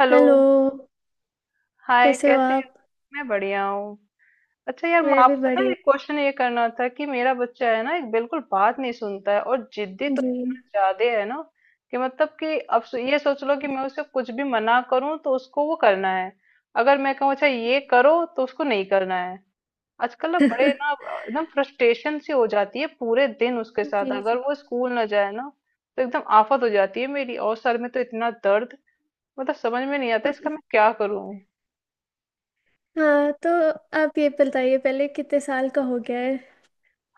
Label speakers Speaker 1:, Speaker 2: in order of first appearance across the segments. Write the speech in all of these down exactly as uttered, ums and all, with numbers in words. Speaker 1: Hello.
Speaker 2: Hello.
Speaker 1: Hi,
Speaker 2: कैसे हो
Speaker 1: कैसे हो?
Speaker 2: आप?
Speaker 1: मैं बढ़िया हूँ। अच्छा यार, मैं
Speaker 2: मैं भी
Speaker 1: आपसे ना
Speaker 2: बढ़िया।
Speaker 1: एक क्वेश्चन ये करना था कि मेरा बच्चा है ना, एक बिल्कुल बात नहीं सुनता है और जिद्दी तो
Speaker 2: जी
Speaker 1: इतना ज्यादा है ना कि मतलब कि अब सो- ये सोच लो कि मैं उसे कुछ भी मना करूँ तो उसको वो करना है। अगर मैं कहूँ अच्छा ये करो तो उसको नहीं करना है। आजकल ना बड़े ना एकदम फ्रस्ट्रेशन सी हो जाती है, पूरे दिन उसके
Speaker 2: जी।
Speaker 1: साथ, अगर
Speaker 2: जी।
Speaker 1: वो स्कूल ना जाए ना तो एकदम आफत हो जाती है मेरी। और सर में तो इतना दर्द, मतलब समझ में नहीं आता इसका मैं क्या करूँ।
Speaker 2: हाँ तो आप ये बताइए पहले कितने साल का हो गया है?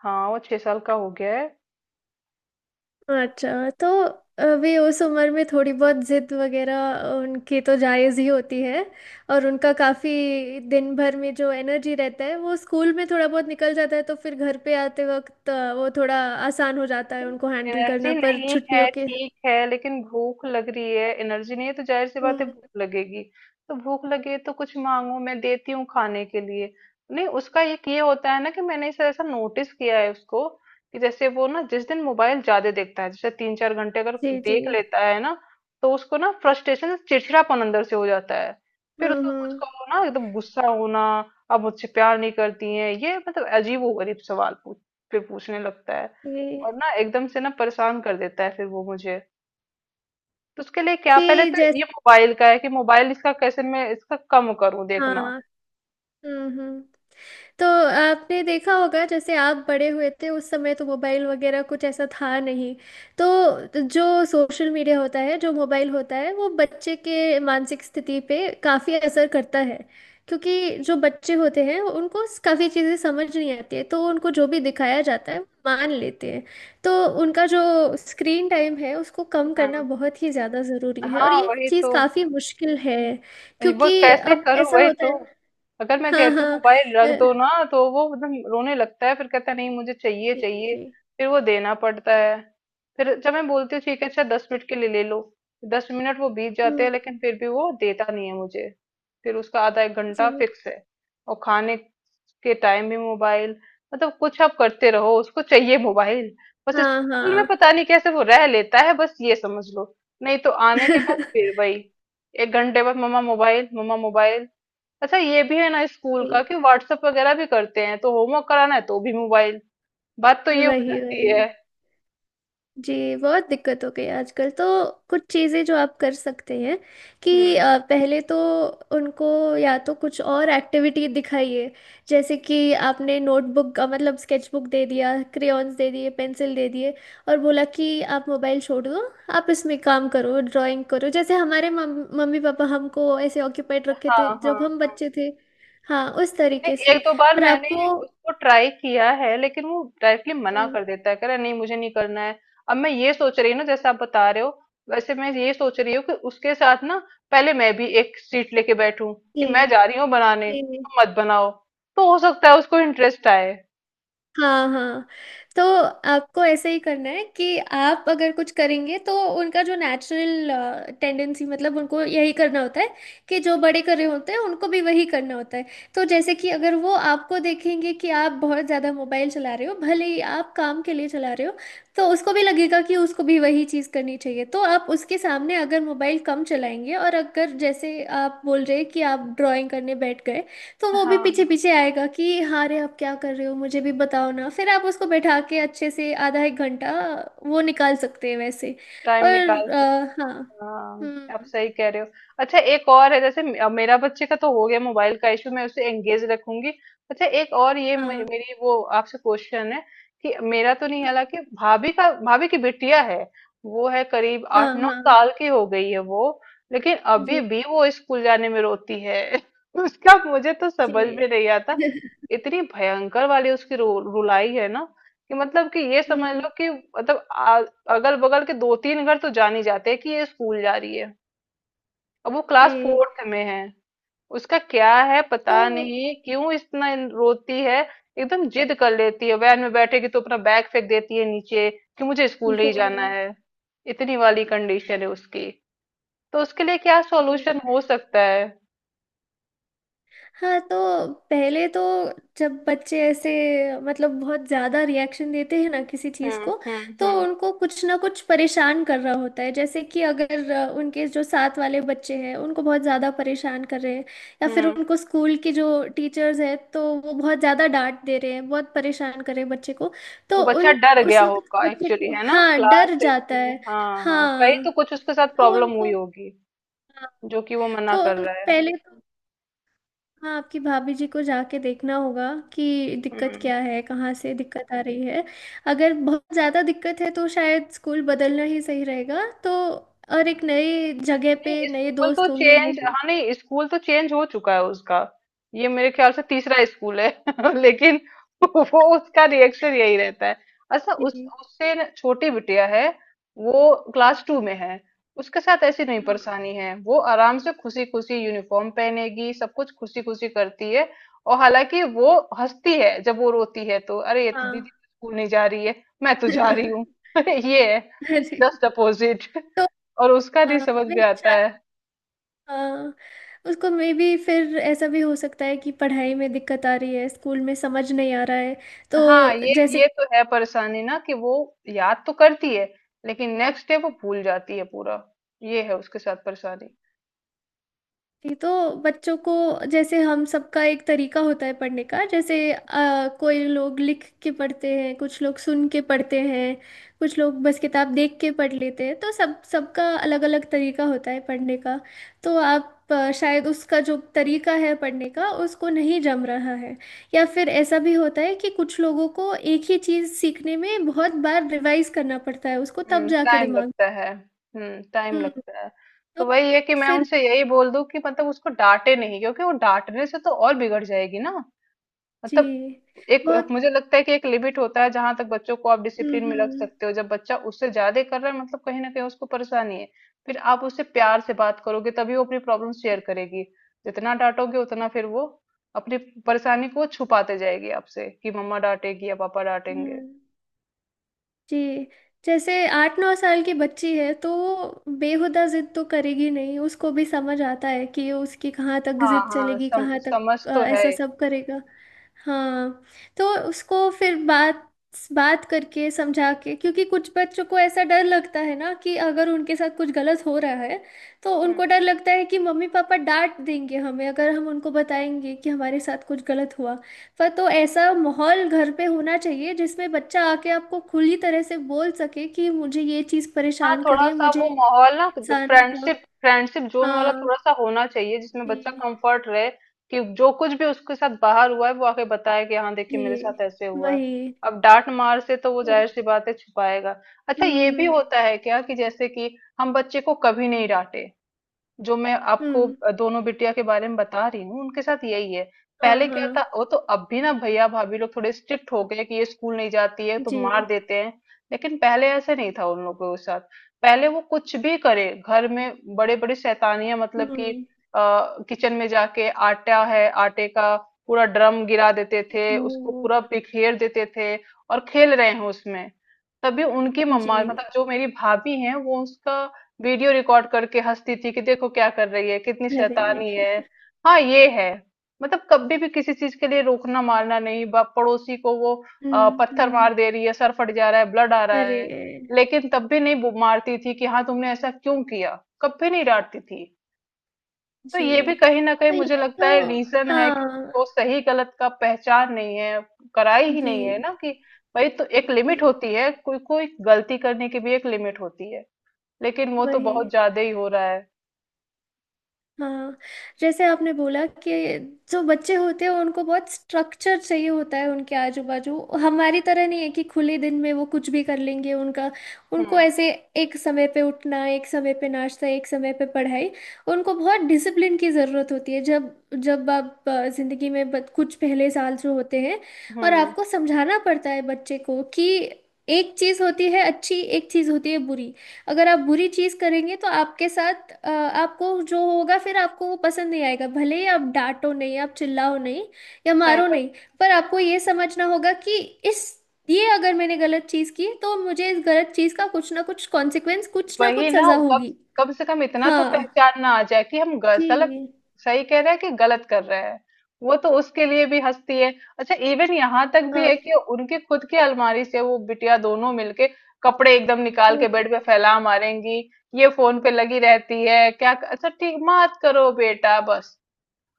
Speaker 1: हाँ, वो छह साल का हो गया है।
Speaker 2: अच्छा तो अभी उस उम्र में थोड़ी बहुत जिद वगैरह उनकी तो जायज़ ही होती है, और उनका काफ़ी दिन भर में जो एनर्जी रहता है वो स्कूल में थोड़ा बहुत निकल जाता है तो फिर घर पे आते वक्त अ, वो थोड़ा आसान हो जाता है
Speaker 1: नहीं,
Speaker 2: उनको हैंडल
Speaker 1: एनर्जी
Speaker 2: करना, पर
Speaker 1: नहीं है
Speaker 2: छुट्टियों के।
Speaker 1: ठीक है, लेकिन भूख लग रही है। एनर्जी नहीं है तो जाहिर सी बात है
Speaker 2: हम्म,
Speaker 1: भूख लगेगी। तो भूख लगे तो कुछ मांगो, मैं देती हूँ खाने के लिए। नहीं, उसका एक ये होता है ना कि मैंने इसे ऐसा नोटिस किया है उसको कि जैसे वो ना जिस दिन मोबाइल ज्यादा देखता है, जैसे तीन चार घंटे अगर
Speaker 2: जी जी।
Speaker 1: देख लेता है ना, तो उसको ना फ्रस्ट्रेशन, चिड़चिड़ापन अंदर से हो जाता है। फिर
Speaker 2: हम्म
Speaker 1: उसको कुछ
Speaker 2: हम्म।
Speaker 1: कहो ना एकदम गुस्सा होना। अब मुझसे प्यार नहीं करती है ये, मतलब अजीब गरीब सवाल पूछ, फिर पूछने लगता है।
Speaker 2: जी
Speaker 1: और ना एकदम से ना परेशान कर देता है फिर वो मुझे। तो उसके लिए क्या, पहले तो
Speaker 2: जी,
Speaker 1: ये मोबाइल का है कि मोबाइल इसका कैसे मैं इसका कम करूं देखना।
Speaker 2: हाँ। हम्म हम्म। तो आपने देखा होगा जैसे आप बड़े हुए थे उस समय तो मोबाइल वगैरह कुछ ऐसा था नहीं। तो जो सोशल मीडिया होता है जो मोबाइल होता है वो बच्चे के मानसिक स्थिति पे काफ़ी असर करता है। क्योंकि जो बच्चे होते हैं उनको काफ़ी चीज़ें समझ नहीं आती है, तो उनको जो भी दिखाया जाता है वो मान लेते हैं। तो उनका जो स्क्रीन टाइम है उसको कम करना
Speaker 1: हाँ,
Speaker 2: बहुत ही ज़्यादा ज़रूरी है, और
Speaker 1: हाँ
Speaker 2: ये
Speaker 1: वही
Speaker 2: चीज़
Speaker 1: तो।
Speaker 2: काफ़ी मुश्किल है।
Speaker 1: वो
Speaker 2: क्योंकि
Speaker 1: कैसे
Speaker 2: अब
Speaker 1: करूं
Speaker 2: ऐसा
Speaker 1: वही
Speaker 2: होता
Speaker 1: तो।
Speaker 2: है।
Speaker 1: अगर मैं
Speaker 2: हाँ
Speaker 1: कहती हूँ
Speaker 2: हाँ
Speaker 1: मोबाइल रख दो
Speaker 2: अ,
Speaker 1: ना, तो वो एकदम रोने लगता है। फिर कहता है नहीं, मुझे चाहिए
Speaker 2: जी
Speaker 1: चाहिए।
Speaker 2: जी।
Speaker 1: फिर वो देना पड़ता है। फिर जब मैं बोलती हूँ ठीक है, अच्छा दस मिनट के लिए ले लो। दस मिनट वो बीत जाते हैं
Speaker 2: हम्म।
Speaker 1: लेकिन फिर भी वो देता नहीं है मुझे। फिर उसका आधा एक
Speaker 2: जी।
Speaker 1: घंटा फिक्स है। और खाने के टाइम भी मोबाइल। मतलब कुछ आप करते रहो, उसको चाहिए मोबाइल। बस
Speaker 2: हाँ
Speaker 1: स्कूल में
Speaker 2: हाँ।
Speaker 1: पता नहीं कैसे वो रह लेता है, बस ये समझ लो। नहीं तो आने के बाद फिर वही, एक घंटे बाद मम्मा मोबाइल, मम्मा मोबाइल। अच्छा ये भी है ना स्कूल का
Speaker 2: जी।
Speaker 1: कि व्हाट्सएप वगैरह भी करते हैं, तो होमवर्क कराना है तो भी मोबाइल। बात तो ये हो
Speaker 2: वही
Speaker 1: जाती
Speaker 2: वही।
Speaker 1: है।
Speaker 2: जी बहुत दिक्कत हो गई आजकल तो। कुछ चीज़ें जो आप कर सकते हैं कि
Speaker 1: हम्म।
Speaker 2: अ, पहले तो उनको या तो कुछ और एक्टिविटी दिखाइए। जैसे कि आपने नोटबुक मतलब स्केचबुक दे दिया, क्रेयॉन्स दे दिए, पेंसिल दे दिए, और बोला कि आप मोबाइल छोड़ दो, आप इसमें काम करो, ड्राइंग करो, जैसे हमारे मम, मम्मी पापा हमको ऐसे ऑक्यूपाइड रखे
Speaker 1: हाँ
Speaker 2: थे
Speaker 1: हाँ
Speaker 2: जब हम
Speaker 1: हाँ।
Speaker 2: बच्चे थे। हाँ उस तरीके
Speaker 1: नहीं एक
Speaker 2: से,
Speaker 1: दो बार
Speaker 2: और
Speaker 1: मैंने
Speaker 2: आपको।
Speaker 1: उसको ट्राई किया है लेकिन वो डायरेक्टली मना
Speaker 2: हम्म,
Speaker 1: कर देता है, कह रहा है, नहीं मुझे नहीं करना है। अब मैं ये सोच रही हूँ ना, जैसे आप बता रहे हो वैसे, मैं ये सोच रही हूँ कि उसके साथ ना पहले मैं भी एक सीट लेके बैठूं कि
Speaker 2: जी
Speaker 1: मैं जा रही हूँ बनाने,
Speaker 2: जी।
Speaker 1: तुम मत बनाओ। तो हो सकता है उसको इंटरेस्ट आए।
Speaker 2: हाँ हाँ। तो आपको ऐसे ही करना है कि आप अगर कुछ करेंगे तो उनका जो नेचुरल टेंडेंसी मतलब उनको यही करना होता है कि जो बड़े कर रहे होते हैं उनको भी वही करना होता है। तो जैसे कि अगर वो आपको देखेंगे कि आप बहुत ज़्यादा मोबाइल चला रहे हो, भले ही आप काम के लिए चला रहे हो, तो उसको भी लगेगा कि उसको भी वही चीज़ करनी चाहिए। तो आप उसके सामने अगर मोबाइल कम चलाएंगे, और अगर जैसे आप बोल रहे हैं कि आप ड्राइंग करने बैठ गए तो वो
Speaker 1: हाँ
Speaker 2: भी पीछे
Speaker 1: हाँ,
Speaker 2: पीछे आएगा कि हाँ रे आप क्या कर रहे हो मुझे भी बताओ ना। फिर आप उसको बैठा के अच्छे से आधा एक घंटा वो निकाल सकते हैं वैसे।
Speaker 1: टाइम निकाल
Speaker 2: और
Speaker 1: सकते हैं,
Speaker 2: अ, हाँ।
Speaker 1: हाँ आप
Speaker 2: हम्म।
Speaker 1: सही कह रहे हो। अच्छा एक और है, जैसे मे- अब मेरा बच्चे का तो हो गया मोबाइल का इशू, मैं उसे एंगेज रखूंगी। अच्छा एक और ये मे-
Speaker 2: हाँ
Speaker 1: मेरी वो आपसे क्वेश्चन है कि मेरा तो नहीं हालांकि, भाभी का, भाभी की बिटिया है। वो है करीब
Speaker 2: हाँ
Speaker 1: आठ नौ
Speaker 2: हाँ।
Speaker 1: साल की हो गई है वो, लेकिन अभी
Speaker 2: जी
Speaker 1: भी वो स्कूल जाने में रोती है। उसका मुझे तो समझ
Speaker 2: जी।
Speaker 1: में नहीं आता। इतनी भयंकर वाली उसकी रु, रुलाई है ना कि मतलब कि ये समझ
Speaker 2: हम्म।
Speaker 1: लो कि मतलब अगल बगल के दो तीन घर तो जान ही जाते हैं कि ये स्कूल जा रही है। अब वो क्लास
Speaker 2: जी।
Speaker 1: फोर्थ में है। उसका क्या है पता
Speaker 2: तो।
Speaker 1: नहीं क्यों इतना इन- रोती है। एकदम जिद कर लेती है, वैन में बैठेगी तो अपना बैग फेंक देती है नीचे कि मुझे
Speaker 2: हो
Speaker 1: स्कूल नहीं
Speaker 2: हो।
Speaker 1: जाना है। इतनी वाली कंडीशन है उसकी। तो उसके लिए क्या
Speaker 2: जी।
Speaker 1: सॉल्यूशन हो सकता है।
Speaker 2: हाँ तो पहले तो, जब बच्चे ऐसे मतलब बहुत ज्यादा रिएक्शन देते हैं ना किसी चीज
Speaker 1: हम्म
Speaker 2: को,
Speaker 1: हम्म
Speaker 2: तो
Speaker 1: हम्म
Speaker 2: उनको कुछ ना कुछ परेशान कर रहा होता है। जैसे कि अगर अ, उनके जो साथ वाले बच्चे हैं उनको बहुत ज्यादा परेशान कर रहे हैं, या फिर
Speaker 1: हम्म।
Speaker 2: उनको स्कूल के जो टीचर्स हैं तो वो बहुत ज्यादा डांट दे रहे हैं बहुत परेशान कर रहे हैं बच्चे को।
Speaker 1: वो
Speaker 2: तो
Speaker 1: बच्चा
Speaker 2: उन
Speaker 1: डर
Speaker 2: उस
Speaker 1: गया
Speaker 2: वक्त
Speaker 1: होगा
Speaker 2: बच्चे
Speaker 1: एक्चुअली,
Speaker 2: को
Speaker 1: है ना,
Speaker 2: हाँ डर
Speaker 1: क्लास
Speaker 2: जाता
Speaker 1: में,
Speaker 2: है।
Speaker 1: हाँ हाँ, कहीं
Speaker 2: हाँ।
Speaker 1: तो कुछ उसके साथ
Speaker 2: तो
Speaker 1: प्रॉब्लम हुई
Speaker 2: उनको
Speaker 1: होगी,
Speaker 2: हाँ,
Speaker 1: जो कि वो मना
Speaker 2: तो
Speaker 1: कर
Speaker 2: उन-
Speaker 1: रहा है।
Speaker 2: पहले तो, हाँ आपकी भाभी जी को जाके देखना होगा कि दिक्कत
Speaker 1: हम्म।
Speaker 2: क्या है कहाँ से दिक्कत आ रही है। अगर बहुत ज़्यादा दिक्कत है तो शायद स्कूल बदलना ही सही रहेगा, तो और एक नई जगह
Speaker 1: नहीं
Speaker 2: पे नए
Speaker 1: स्कूल तो
Speaker 2: दोस्त होंगे।
Speaker 1: चेंज हाँ नहीं, स्कूल तो चेंज हो चुका है उसका। ये मेरे ख्याल से तीसरा स्कूल है लेकिन वो उसका रिएक्शन यही रहता है। अच्छा उस
Speaker 2: जी,
Speaker 1: उससे न- छोटी बिटिया है, वो क्लास टू में है। उसके साथ ऐसी नहीं
Speaker 2: हाँ
Speaker 1: परेशानी है, वो आराम से खुशी खुशी यूनिफॉर्म पहनेगी, सब कुछ खुशी खुशी करती है। और हालांकि वो हंसती है जब वो रोती है तो, अरे ये तो दीदी
Speaker 2: हाँ।
Speaker 1: तो स्कूल नहीं जा रही है, मैं तो जा रही हूँ। ये है,
Speaker 2: अरे।
Speaker 1: Just opposite.
Speaker 2: तो
Speaker 1: और उसका
Speaker 2: आ,
Speaker 1: नहीं समझ में
Speaker 2: मैं
Speaker 1: आता
Speaker 2: शायद
Speaker 1: है।
Speaker 2: हाँ, उसको मे भी, फिर ऐसा भी हो सकता है कि पढ़ाई में दिक्कत आ रही है स्कूल में समझ नहीं आ रहा है।
Speaker 1: हाँ
Speaker 2: तो
Speaker 1: ये
Speaker 2: जैसे
Speaker 1: ये तो है परेशानी ना कि वो याद तो करती है लेकिन नेक्स्ट डे वो भूल जाती है पूरा। ये है उसके साथ परेशानी।
Speaker 2: जी, तो बच्चों को जैसे हम सबका एक तरीका होता है पढ़ने का। जैसे अ, कोई लोग लिख के पढ़ते हैं, कुछ लोग सुन के पढ़ते हैं, कुछ लोग बस किताब देख के पढ़ लेते हैं, तो सब सबका अलग अलग तरीका होता है पढ़ने का। तो आप अ, शायद उसका जो तरीका है पढ़ने का उसको नहीं जम रहा है। या फिर ऐसा भी होता है कि कुछ लोगों को एक ही चीज़ सीखने में बहुत बार रिवाइज करना पड़ता है, उसको तब
Speaker 1: हम्म
Speaker 2: जाके
Speaker 1: टाइम
Speaker 2: दिमाग।
Speaker 1: लगता है। हम्म टाइम
Speaker 2: हम्म।
Speaker 1: लगता है। तो
Speaker 2: तो
Speaker 1: वही है कि मैं
Speaker 2: फिर।
Speaker 1: उनसे यही बोल दूं कि मतलब उसको डांटे नहीं, क्योंकि वो डांटने से तो और बिगड़ जाएगी ना।
Speaker 2: जी।
Speaker 1: मतलब एक,
Speaker 2: बहुत।
Speaker 1: मुझे लगता है कि एक लिमिट होता है जहां तक बच्चों को आप
Speaker 2: हम्म
Speaker 1: डिसिप्लिन में रख
Speaker 2: हम्म
Speaker 1: सकते हो। जब बच्चा उससे ज्यादा कर रहा है मतलब कहीं ना कहीं उसको परेशानी है। फिर आप उससे प्यार से बात करोगे तभी वो अपनी प्रॉब्लम शेयर करेगी। जितना डांटोगे उतना फिर वो अपनी परेशानी को छुपाते जाएगी आपसे कि मम्मा डांटेगी या पापा डांटेंगे।
Speaker 2: हम्म, जी। जैसे आठ नौ साल की बच्ची है तो वो बेहुदा जिद तो करेगी नहीं, उसको भी समझ आता है कि उसकी कहाँ तक
Speaker 1: हाँ
Speaker 2: जिद
Speaker 1: हाँ,
Speaker 2: चलेगी
Speaker 1: सम,
Speaker 2: कहाँ तक
Speaker 1: समझ
Speaker 2: अ,
Speaker 1: तो है।
Speaker 2: ऐसा सब करेगा। हाँ तो उसको फिर बात बात करके समझा के, क्योंकि कुछ बच्चों को ऐसा डर लगता है ना कि अगर उनके साथ कुछ गलत हो रहा है तो उनको डर लगता है कि मम्मी पापा डांट देंगे हमें अगर हम उनको बताएंगे कि हमारे साथ कुछ गलत हुआ। पर तो ऐसा माहौल घर पे होना चाहिए जिसमें बच्चा आके आपको खुली तरह से बोल सके कि मुझे ये चीज
Speaker 1: हाँ,
Speaker 2: परेशान करिए
Speaker 1: थोड़ा-सा
Speaker 2: मुझे
Speaker 1: वो माहौल ना
Speaker 2: इंसान का।
Speaker 1: फ्रेंडशिप फ्रेंडशिप जोन वाला
Speaker 2: हाँ।
Speaker 1: थोड़ा-सा होना चाहिए जिसमें बच्चा
Speaker 2: जी
Speaker 1: कंफर्ट रहे, कि जो कुछ भी उसके साथ बाहर हुआ है वो आके बताए कि हाँ देखिए
Speaker 2: जी।
Speaker 1: मेरे साथ ऐसे हुआ है।
Speaker 2: वही।
Speaker 1: अब डांट मार से तो वो
Speaker 2: हम्म।
Speaker 1: जाहिर सी बात है छुपाएगा। अच्छा ये भी होता
Speaker 2: हम्म
Speaker 1: है क्या कि जैसे कि हम बच्चे को कभी नहीं डांटे, जो मैं आपको
Speaker 2: हम्म।
Speaker 1: अ, दोनों बिटिया के बारे में बता रही हूँ उनके साथ यही है।
Speaker 2: हाँ
Speaker 1: पहले
Speaker 2: हाँ।
Speaker 1: क्या था, वो तो अब भी ना भैया भाभी लोग थोड़े स्ट्रिक्ट हो गए कि ये स्कूल नहीं जाती है तो
Speaker 2: जी।
Speaker 1: मार देते हैं। लेकिन पहले ऐसे नहीं था उन लोगों के साथ। पहले वो कुछ भी करे, घर में बड़े बड़े शैतानियां, मतलब कि अ,
Speaker 2: हम्म।
Speaker 1: किचन में जाके आटा है, आटे का पूरा ड्रम गिरा देते थे, उसको
Speaker 2: वो।
Speaker 1: पूरा बिखेर देते थे और खेल रहे हैं उसमें। तभी उनकी मम्मा,
Speaker 2: जी।
Speaker 1: मतलब जो मेरी भाभी हैं, वो उसका वीडियो रिकॉर्ड करके हंसती थी कि देखो क्या कर रही है, कितनी
Speaker 2: अरे।
Speaker 1: शैतानी है। हाँ ये है। मतलब कभी भी किसी चीज के लिए रोकना मारना नहीं, बाप पड़ोसी को वो अ,
Speaker 2: हम्म
Speaker 1: पत्थर
Speaker 2: हम्म।
Speaker 1: मार दे रही है, सर फट जा रहा है, ब्लड आ रहा
Speaker 2: अरे।
Speaker 1: है। लेकिन तब भी नहीं बो- मारती थी कि हाँ तुमने ऐसा क्यों किया, कभी नहीं डांटती थी। तो
Speaker 2: जी।
Speaker 1: ये भी कहीं ना कहीं
Speaker 2: तो
Speaker 1: मुझे
Speaker 2: ये
Speaker 1: लगता
Speaker 2: तो।
Speaker 1: है रीजन है कि
Speaker 2: हाँ
Speaker 1: उसको सही गलत का पहचान नहीं है, कराई ही
Speaker 2: जी
Speaker 1: नहीं है ना कि भाई तो एक
Speaker 2: जी।
Speaker 1: लिमिट होती है, कोई कोई गलती करने की भी एक लिमिट होती है। लेकिन वो तो
Speaker 2: वही।
Speaker 1: बहुत ज्यादा ही हो रहा है।
Speaker 2: हाँ जैसे आपने बोला कि जो बच्चे होते हैं उनको बहुत स्ट्रक्चर चाहिए होता है उनके आजू बाजू। हमारी तरह नहीं है कि खुले दिन में वो कुछ भी कर लेंगे उनका। उनको
Speaker 1: हम्म
Speaker 2: ऐसे एक समय पे उठना, एक समय पे नाश्ता, एक समय पे पढ़ाई, उनको बहुत डिसिप्लिन की ज़रूरत होती है जब जब आप अ, ज़िंदगी में बत- कुछ पहले साल जो होते हैं। और
Speaker 1: हम्म।
Speaker 2: आपको समझाना पड़ता है बच्चे को कि एक चीज़ होती है अच्छी, एक चीज़ होती है बुरी। अगर आप बुरी चीज करेंगे तो आपके साथ अ, आपको जो होगा फिर आपको वो पसंद नहीं आएगा, भले ही आप डांटो नहीं, आप चिल्लाओ नहीं, या
Speaker 1: सही
Speaker 2: मारो
Speaker 1: बात।
Speaker 2: नहीं। पर आपको ये समझना होगा कि इस ये, अगर मैंने गलत चीज की तो मुझे इस गलत चीज का कुछ ना कुछ कॉन्सिक्वेंस, कुछ ना
Speaker 1: वही
Speaker 2: कुछ
Speaker 1: ना,
Speaker 2: सजा
Speaker 1: कम
Speaker 2: होगी।
Speaker 1: कम से कम इतना तो
Speaker 2: हाँ।
Speaker 1: पहचान ना आ जाए कि हम ग- गलत
Speaker 2: जी।
Speaker 1: सही कह रहे हैं कि गलत कर रहे हैं। वो तो उसके लिए भी हंसती है। अच्छा इवन यहाँ तक भी है
Speaker 2: हाँ।
Speaker 1: कि उनके खुद की अलमारी से वो बिटिया दोनों मिलके कपड़े एकदम निकाल के
Speaker 2: ओह,
Speaker 1: बेड पे फैला मारेंगी। ये फोन पे लगी रहती है क्या, अच्छा ठीक मत करो बेटा बस।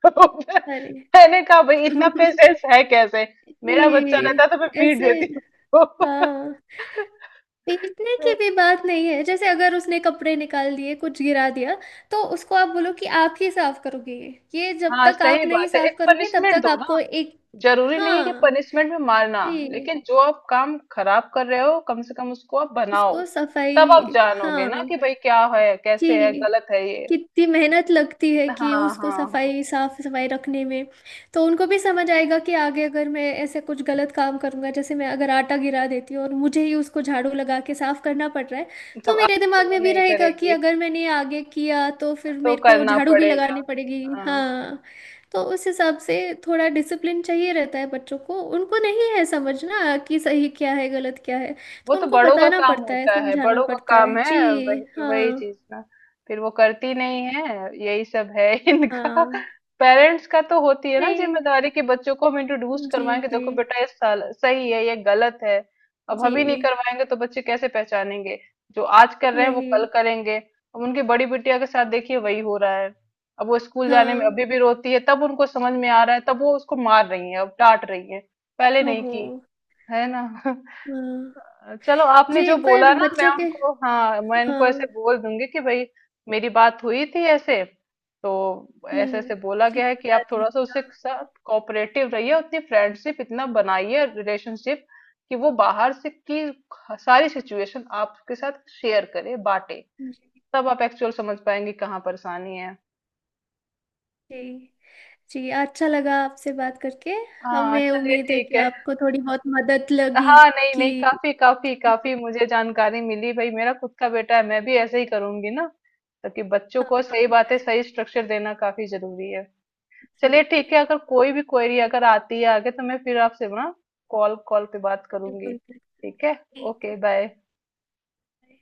Speaker 2: अरे।
Speaker 1: मैंने कहा भाई इतना पेशेंस है कैसे, मेरा बच्चा
Speaker 2: जी।
Speaker 1: रहता तो मैं पीट
Speaker 2: ऐसे।
Speaker 1: देती उसको।
Speaker 2: हाँ। पीटने की भी बात नहीं है। जैसे अगर उसने कपड़े निकाल दिए, कुछ गिरा दिया, तो उसको आप बोलो कि आप ही साफ करोगे। ये जब
Speaker 1: हाँ
Speaker 2: तक
Speaker 1: सही
Speaker 2: आप नहीं
Speaker 1: बात है,
Speaker 2: साफ
Speaker 1: एक
Speaker 2: करोगे तब
Speaker 1: पनिशमेंट
Speaker 2: तक
Speaker 1: दो ना,
Speaker 2: आपको एक।
Speaker 1: जरूरी नहीं है कि
Speaker 2: हाँ।
Speaker 1: पनिशमेंट में मारना,
Speaker 2: जी।
Speaker 1: लेकिन जो आप काम खराब कर रहे हो कम से कम उसको आप बनाओ।
Speaker 2: उसको
Speaker 1: तब आप
Speaker 2: सफाई।
Speaker 1: जानोगे ना
Speaker 2: हाँ।
Speaker 1: कि भाई क्या है कैसे है,
Speaker 2: जी।
Speaker 1: गलत है ये।
Speaker 2: कितनी मेहनत लगती है कि
Speaker 1: हाँ
Speaker 2: उसको
Speaker 1: हाँ हाँ।
Speaker 2: सफाई साफ सफाई रखने में। तो उनको भी समझ आएगा कि आगे अगर मैं ऐसे कुछ गलत काम करूंगा, जैसे मैं अगर आटा गिरा देती हूँ और मुझे ही उसको झाड़ू लगा के साफ करना पड़ रहा है, तो
Speaker 1: तब
Speaker 2: मेरे
Speaker 1: आगे से
Speaker 2: दिमाग
Speaker 1: वो
Speaker 2: में भी
Speaker 1: नहीं
Speaker 2: रहेगा कि
Speaker 1: करेगी,
Speaker 2: अगर मैंने ये आगे किया तो फिर
Speaker 1: तो
Speaker 2: मेरे को
Speaker 1: करना
Speaker 2: झाड़ू भी
Speaker 1: पड़ेगा।
Speaker 2: लगानी पड़ेगी।
Speaker 1: हाँ।
Speaker 2: हाँ तो उस हिसाब से थोड़ा डिसिप्लिन चाहिए रहता है बच्चों को। उनको नहीं है समझना कि सही क्या है गलत क्या है,
Speaker 1: वो
Speaker 2: तो
Speaker 1: तो
Speaker 2: उनको
Speaker 1: बड़ों का
Speaker 2: बताना
Speaker 1: काम
Speaker 2: पड़ता है
Speaker 1: होता है,
Speaker 2: समझाना
Speaker 1: बड़ों का
Speaker 2: पड़ता
Speaker 1: काम
Speaker 2: है जी।
Speaker 1: है, वही वही
Speaker 2: हाँ
Speaker 1: चीज ना। फिर वो करती नहीं है, यही सब है इनका।
Speaker 2: हाँ।
Speaker 1: पेरेंट्स का तो होती है ना
Speaker 2: नहीं।
Speaker 1: जिम्मेदारी कि बच्चों को हम इंट्रोड्यूस
Speaker 2: जी
Speaker 1: करवाएं कि
Speaker 2: जी।
Speaker 1: देखो बेटा ये साल- सही है ये गलत है। अब
Speaker 2: जी।
Speaker 1: हम ही नहीं करवाएंगे तो बच्चे कैसे पहचानेंगे। जो आज कर रहे हैं वो कल
Speaker 2: वही।
Speaker 1: करेंगे। अब उनकी बड़ी बिटिया के साथ देखिए वही हो रहा है। अब वो स्कूल जाने में
Speaker 2: हाँ।
Speaker 1: अभी भी रोती है, तब उनको समझ में आ रहा है, तब वो उसको मार रही है, अब डांट रही है। पहले नहीं
Speaker 2: ओहो।
Speaker 1: की, है ना।
Speaker 2: हाँ।
Speaker 1: अ, चलो आपने
Speaker 2: जी
Speaker 1: जो
Speaker 2: पर
Speaker 1: बोला ना मैं
Speaker 2: बच्चों के।
Speaker 1: उनको, हाँ मैं इनको ऐसे
Speaker 2: हाँ।
Speaker 1: बोल दूंगी कि भाई मेरी बात हुई थी ऐसे, तो ऐसे ऐसे
Speaker 2: हम्म।
Speaker 1: बोला
Speaker 2: जी
Speaker 1: गया है कि
Speaker 2: बता
Speaker 1: आप थोड़ा सा
Speaker 2: दीजिएगा।
Speaker 1: उसके साथ कोऑपरेटिव रहिए, उतनी फ्रेंडशिप, इतना बनाइए रिलेशनशिप कि वो बाहर से की सारी सिचुएशन आपके साथ शेयर करे बांटे।
Speaker 2: जी।
Speaker 1: तब आप एक्चुअल समझ पाएंगे कहाँ परेशानी है।
Speaker 2: जी जी अच्छा लगा आपसे बात करके।
Speaker 1: हाँ
Speaker 2: हमें
Speaker 1: चलिए,
Speaker 2: उम्मीद है
Speaker 1: ठीक
Speaker 2: कि
Speaker 1: है।
Speaker 2: आपको थोड़ी बहुत मदद लगी
Speaker 1: हाँ नहीं नहीं,
Speaker 2: कि।
Speaker 1: काफी काफी काफी मुझे जानकारी मिली। भाई मेरा खुद का बेटा है, मैं भी ऐसे ही करूंगी ना ताकि बच्चों
Speaker 2: हाँ
Speaker 1: को सही
Speaker 2: हाँ।
Speaker 1: बातें सही स्ट्रक्चर देना, काफी जरूरी है।
Speaker 2: जी,
Speaker 1: चलिए ठीक है, अगर कोई भी क्वेरी अगर आती है आगे तो मैं फिर आपसे ना कॉल कॉल पे बात करूंगी।
Speaker 2: बिल्कुल बिल्कुल।
Speaker 1: ठीक है।
Speaker 2: ठीक
Speaker 1: ओके,
Speaker 2: है।
Speaker 1: बाय।
Speaker 2: बाय।